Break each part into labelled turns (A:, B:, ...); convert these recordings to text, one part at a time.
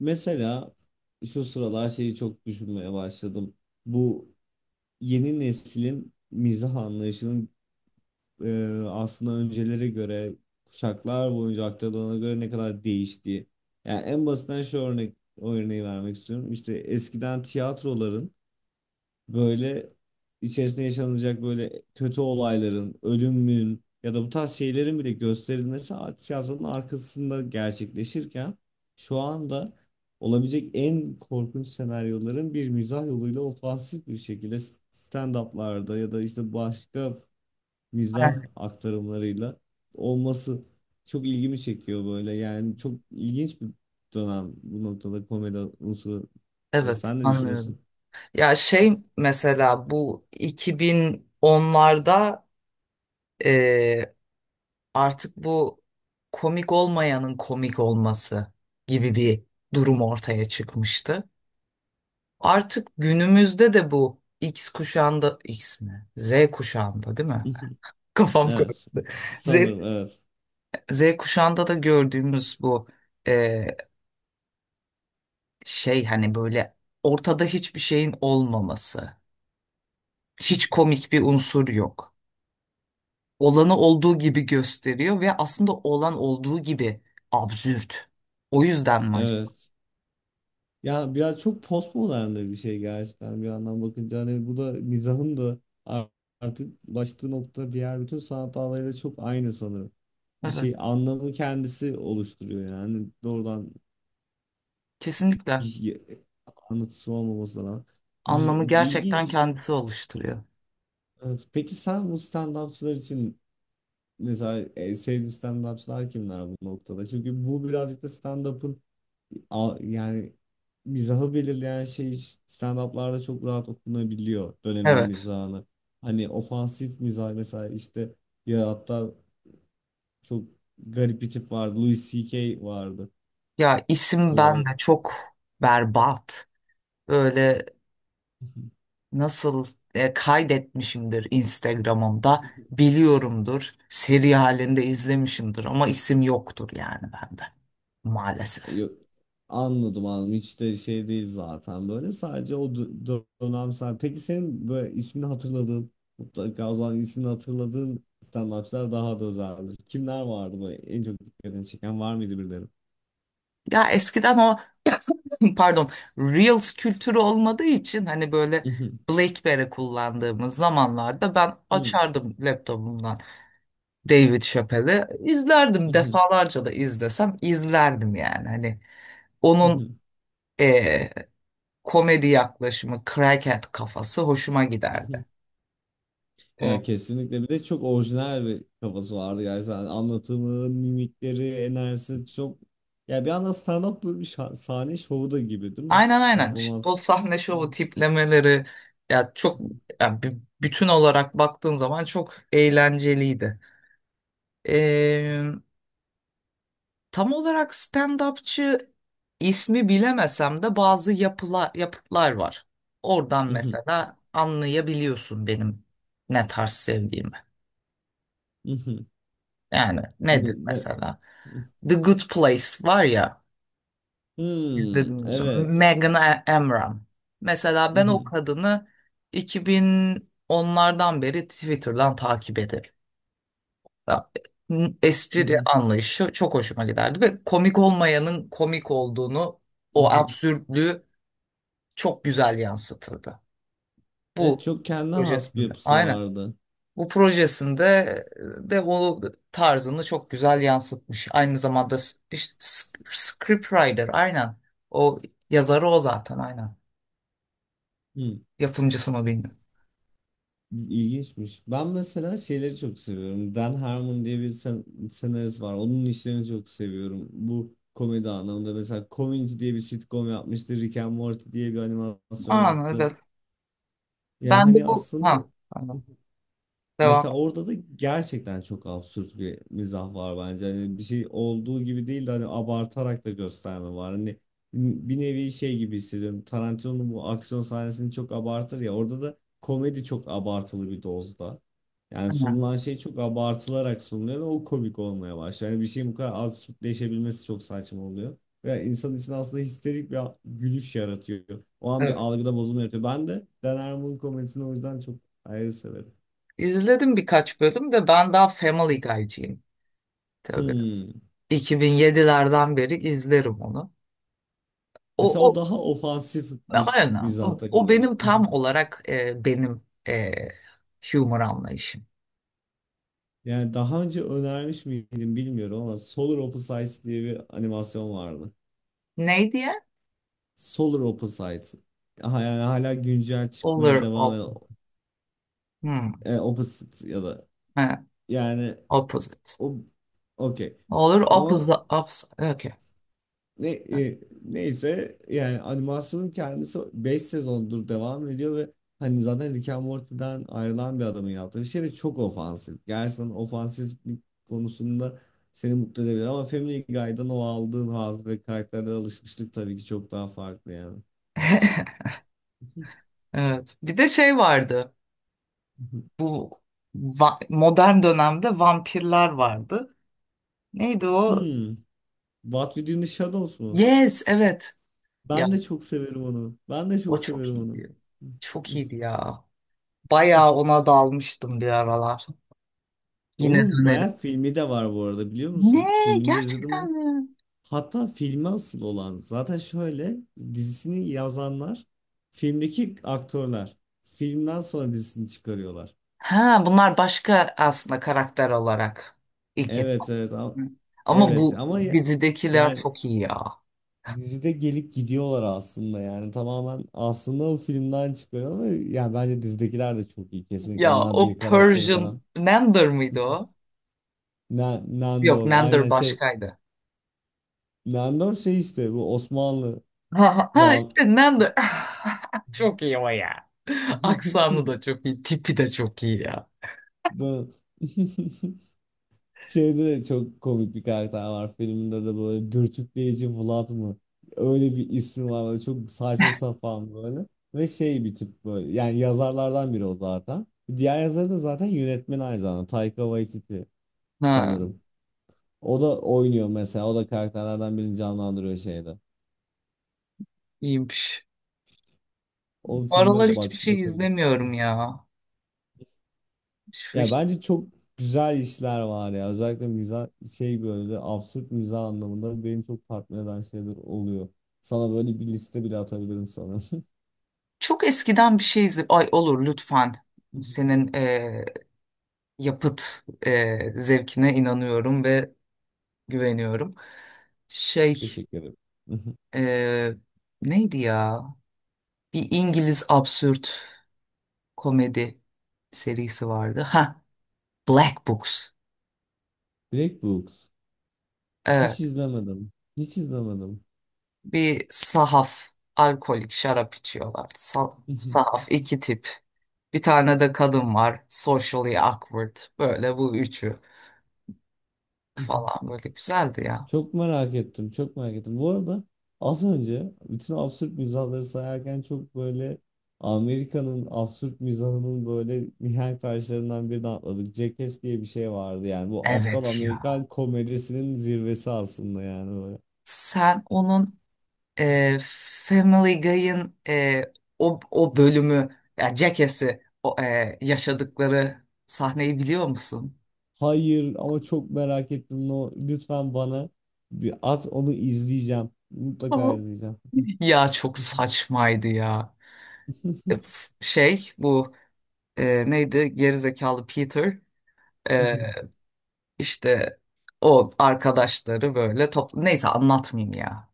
A: Mesela şu sıralar şeyi çok düşünmeye başladım. Bu yeni neslin mizah anlayışının e, aslında öncelere göre kuşaklar boyunca aktarılana göre ne kadar değiştiği. Yani en basitinden şu örneği vermek istiyorum. İşte eskiden tiyatroların böyle içerisinde yaşanacak böyle kötü olayların, ölümün ya da bu tarz şeylerin bile gösterilmesi tiyatronun arkasında gerçekleşirken şu anda olabilecek en korkunç senaryoların bir mizah yoluyla ofansif bir şekilde stand-up'larda ya da işte başka
B: Evet,
A: mizah aktarımlarıyla olması çok ilgimi çekiyor böyle. Yani çok ilginç bir dönem bu noktada komedi unsuru da.
B: evet,
A: Sen ne
B: anlıyorum.
A: düşünüyorsun?
B: Ya şey mesela bu 2010'larda e, artık bu komik olmayanın komik olması gibi bir durum ortaya çıkmıştı. Artık günümüzde de bu X kuşağında X mi? Z kuşağında değil mi? Kafam
A: Evet.
B: karıştı. Z,
A: Sanırım evet.
B: Z kuşağında da gördüğümüz bu e, şey hani böyle ortada hiçbir şeyin olmaması. Hiç komik bir unsur yok. Olanı olduğu gibi gösteriyor ve aslında olan olduğu gibi absürt. O yüzden mi acaba?
A: Evet. Ya biraz çok postmodern de bir şey gerçekten bir yandan bakınca. Hani bu da mizahın da ar- artık ulaştığı nokta diğer bütün sanat dallarıyla çok aynı sanırım. Bir
B: Evet,
A: şey anlamı kendisi oluşturuyor yani. Hani doğrudan bir
B: kesinlikle.
A: şey- anlatısı olmaması da güzel,
B: Anlamı gerçekten
A: ilginç.
B: kendisi oluşturuyor.
A: Evet. Peki sen bu stand-upçılar için mesela sevdiğin stand-upçılar kimler bu noktada? Çünkü bu birazcık da stand-up'ın yani mizahı belirleyen şey stand-up'larda çok rahat okunabiliyor döneminin
B: Evet.
A: mizahını. Hani ofansif mizah mesela işte ya hatta çok garip bir tip vardı. Louis C.K. vardı.
B: Ya isim ben
A: Böyle
B: de çok berbat. Böyle nasıl kaydetmişimdir Instagram'ımda biliyorumdur. Seri halinde izlemişimdir ama isim yoktur yani bende maalesef.
A: Yok, anladım anladım. Hiç de şey değil zaten böyle. Sadece o dönemsel. Peki senin böyle ismini hatırladığın, mutlaka o zaman ismini hatırladığın stand-upçılar daha da özeldir. Kimler vardı böyle en çok dikkatini çeken var mıydı birileri?
B: Ya eskiden o pardon Reels kültürü olmadığı için hani böyle BlackBerry kullandığımız zamanlarda ben açardım laptopumdan David Chappelle'i izlerdim
A: Mhm,
B: defalarca da izlesem izlerdim yani hani onun
A: mhm,
B: eee, komedi yaklaşımı crackhead kafası hoşuma giderdi.
A: mhm.
B: E,
A: Ya kesinlikle bir de çok orijinal bir kafası vardı gerçekten anlatımı, mimikleri, enerjisi çok ya bir anda stand-up böyle bir sahne şovu da gibi değil mi?
B: aynen aynen. O
A: Performans.
B: sahne şovu tiplemeleri ya çok ya bütün olarak baktığın zaman çok eğlenceliydi. Tam olarak stand-upçı ismi bilemesem de bazı yapılar, yapıtlar var. Oradan
A: Mhm,
B: mesela anlayabiliyorsun benim ne tarz sevdiğimi.
A: mhm.
B: Yani
A: Ne-
B: nedir
A: ne-
B: mesela? The Good Place var ya,
A: Hmm,
B: izlediniz mi? Bilmiyorum.
A: evet.
B: Amram. Mesela ben o
A: Mhm,
B: kadını iki bin onlardan beri Twitter'dan takip ederim. Ya, Espri
A: mhm,
B: anlayışı çok hoşuma giderdi ve komik olmayanın komik olduğunu, o
A: mhm.
B: absürtlüğü çok güzel yansıtıldı.
A: Evet
B: Bu
A: çok kendine has bir
B: projesinde.
A: yapısı
B: Aynen.
A: vardı.
B: Bu projesinde de o tarzını çok güzel yansıtmış. Aynı zamanda işte scriptwriter aynen. O yazarı o zaten aynen. Yapımcısı mı bilmiyorum.
A: İlginçmiş. Ben mesela şeyleri çok seviyorum. Dan Harmon diye bir senarist var. Onun işlerini çok seviyorum. Bu komedi anlamında mesela Community diye bir sitcom yapmıştı. Rick and Morty diye bir animasyon
B: Aynen
A: yaptı.
B: evet.
A: Ya
B: Ben de
A: hani
B: bu
A: aslında
B: ha pardon. Devam.
A: mesela orada da gerçekten çok absürt bir mizah var bence. Hani bir şey olduğu gibi değil de hani abartarak da gösterme var. Hani bir nevi şey gibi hissediyorum. Tarantino'nun bu aksiyon sahnesini çok abartır ya. Orada da komedi çok abartılı bir dozda. Yani
B: Aynen.
A: sunulan şey çok abartılarak sunuluyor ve o komik olmaya başlıyor. Yani bir şeyin bu kadar absürtleşebilmesi çok saçma oluyor. Ve insanın içinde aslında histerik bir gülüş yaratıyor. O an bir
B: Evet.
A: algıda bozulma yaratıyor. Ben de Dan Harmon'un komedisini o yüzden çok ayrı severim.
B: İzledim birkaç bölüm de ben daha Family Guy'cıyım. Tabii.
A: Hmm.
B: 2007'lerden beri izlerim onu. O,
A: Mesela o
B: o
A: daha ofansif bir
B: aynen. O,
A: mizahta
B: o
A: kalıyor.
B: benim tam olarak benim e, humor anlayışım.
A: Yani daha önce önermiş miydim bilmiyorum ama Solar Opposites diye bir animasyon vardı.
B: Ne diye?
A: Solar Opposites. Yani hala güncel çıkmaya
B: Olur
A: devam
B: op,
A: eden
B: hmm,
A: Opposite ya da
B: evet,
A: yani
B: opposite.
A: o okey.
B: Olur
A: Ama
B: opposite. Opposite. Okay.
A: Neyse yani animasyonun kendisi 5 sezondur devam ediyor ve hani zaten Rick and Morty'den ayrılan bir adamın yaptığı bir şey ve çok ofansif. Gerçekten ofansiflik konusunda seni mutlu edebilir ama Family Guy'dan o aldığın haz ve karakterlere alışmışlık tabii ki çok daha farklı yani.
B: Evet. Bir de şey vardı. Bu modern dönemde vampirler vardı. Neydi o?
A: Hmm. What We Do in the Shadows mu?
B: Yes, evet. Ya
A: Ben de çok severim onu. Ben de
B: o
A: çok
B: çok
A: severim onu.
B: iyiydi. Çok iyiydi ya. Bayağı ona dalmıştım bir aralar. Yine
A: Onun
B: dönerim.
A: bayağı filmi de var bu arada biliyor
B: Ne?
A: musun? Filmini de izledin mi?
B: Gerçekten mi?
A: Hatta filme asıl olan zaten şöyle dizisini yazanlar filmdeki aktörler. Filmden sonra dizisini çıkarıyorlar.
B: Ha, bunlar başka aslında karakter olarak ilk.
A: Evet, ama,
B: Ama
A: evet
B: bu
A: ama ya-
B: dizidekiler
A: yani
B: çok iyi ya.
A: dizide gelip gidiyorlar aslında yani tamamen aslında o filmden çıkıyor ama yani bence dizidekiler de çok iyi
B: Ya
A: kesinlikle
B: o
A: Nadia karakteri
B: Persian
A: falan.
B: Nander mıydı o? Yok
A: Nandor
B: Nander
A: aynen şey
B: başkaydı.
A: Nandor şey işte bu Osmanlı
B: Ha, ha
A: va
B: işte Nander. Çok iyi o ya. Aksanı da çok iyi. Tipi de çok iyi ya.
A: Bu- Şeyde de çok komik bir karakter var filmde de böyle dürtükleyici Vlad mı? Öyle bir ismi var böyle çok saçma sapan böyle. Ve şey bir tip böyle yani yazarlardan biri o zaten. Diğer yazarı da zaten yönetmen aynı zamanda Taika Waititi
B: Ha,
A: sanırım. O da oynuyor mesela o da karakterlerden birini canlandırıyor şeyde.
B: iyiymiş. Bu
A: O
B: aralar
A: filme
B: hiçbir şey
A: bakabilirsin.
B: izlemiyorum ya. Şu
A: Ya
B: iş-
A: bence çok güzel işler var ya. Özellikle mizah şey böyle absürt mizah anlamında benim çok tatmin eden şeyler oluyor. Böyle bir liste bile atabilirim sana.
B: Çok eskiden bir şey izle. Ay olur lütfen. Senin yapıt zevkine inanıyorum ve güveniyorum. Şey
A: Teşekkür ederim.
B: e, neydi ya? Bir İngiliz absürt komedi serisi vardı. Ha, Black Books.
A: Black Books.
B: Evet,
A: Hiç izlemedim. Hiç izlemedim.
B: bir sahaf alkolik şarap içiyorlar. Sahaf iki tip. Bir tane de kadın var. Socially awkward. Böyle bu üçü falan böyle güzeldi ya.
A: Çok merak ettim, çok merak ettim. Bu arada az önce bütün absürt mizahları sayarken çok böyle Amerika'nın absürt mizahının böyle mihenk taşlarından birini atladık. Jackass diye bir şey vardı yani. Bu aptal
B: Evet ya.
A: Amerikan komedisinin zirvesi aslında yani böyle.
B: Sen onun Family Guy'ın o bölümü yani Jackass'i yaşadıkları sahneyi biliyor musun?
A: Hayır ama çok merak ettim. No, lütfen bana bir at onu izleyeceğim. Mutlaka
B: Tamam.
A: izleyeceğim.
B: Ya çok saçmaydı ya. Şey bu neydi gerizekalı Peter, e, işte o arkadaşları böyle topla neyse anlatmayayım ya.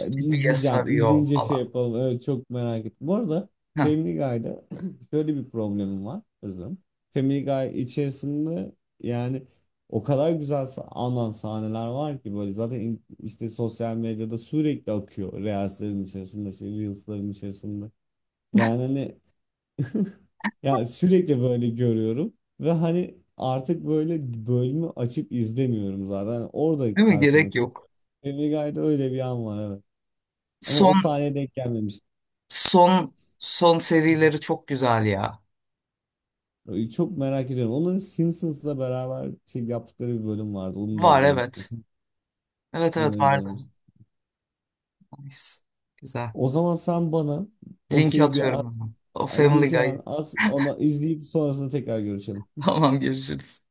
A: Bir izleyeceğim.
B: sarıyor
A: İzleyince şey
B: falan.
A: yapalım. Evet, çok merak ettim. Bu arada
B: Heh,
A: Family Guy'da şöyle bir problemim var. Özürüm. Family Guy içerisinde yani o kadar güzel anan sahneler var ki böyle zaten işte sosyal medyada sürekli akıyor. Reels'lerin içerisinde, şey, Reels'lerin içerisinde. Yani hani ya sürekli böyle görüyorum ve hani artık böyle bölümü açıp izlemiyorum zaten. Orada
B: değil mi?
A: karşıma
B: Gerek yok.
A: çıkıyor. Family Guy'da öyle bir an var evet. Ama o
B: Son
A: sahneye denk gelmemiştim.
B: son son serileri çok güzel ya.
A: Çok merak ediyorum. Onların Simpsons'la beraber şey yaptıkları bir bölüm vardı. Onu da
B: Var evet.
A: izlemiştim.
B: Evet
A: Onu
B: evet
A: da
B: vardı.
A: izlemiştim.
B: Nice. Güzel.
A: O zaman sen bana o
B: Linki
A: şeyi bir
B: atıyorum
A: at.
B: hemen. O Family
A: Link hemen
B: Guy.
A: at. Onu izleyip sonrasında tekrar görüşelim.
B: Tamam görüşürüz.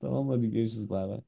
A: Tamam hadi görüşürüz. Bay bay.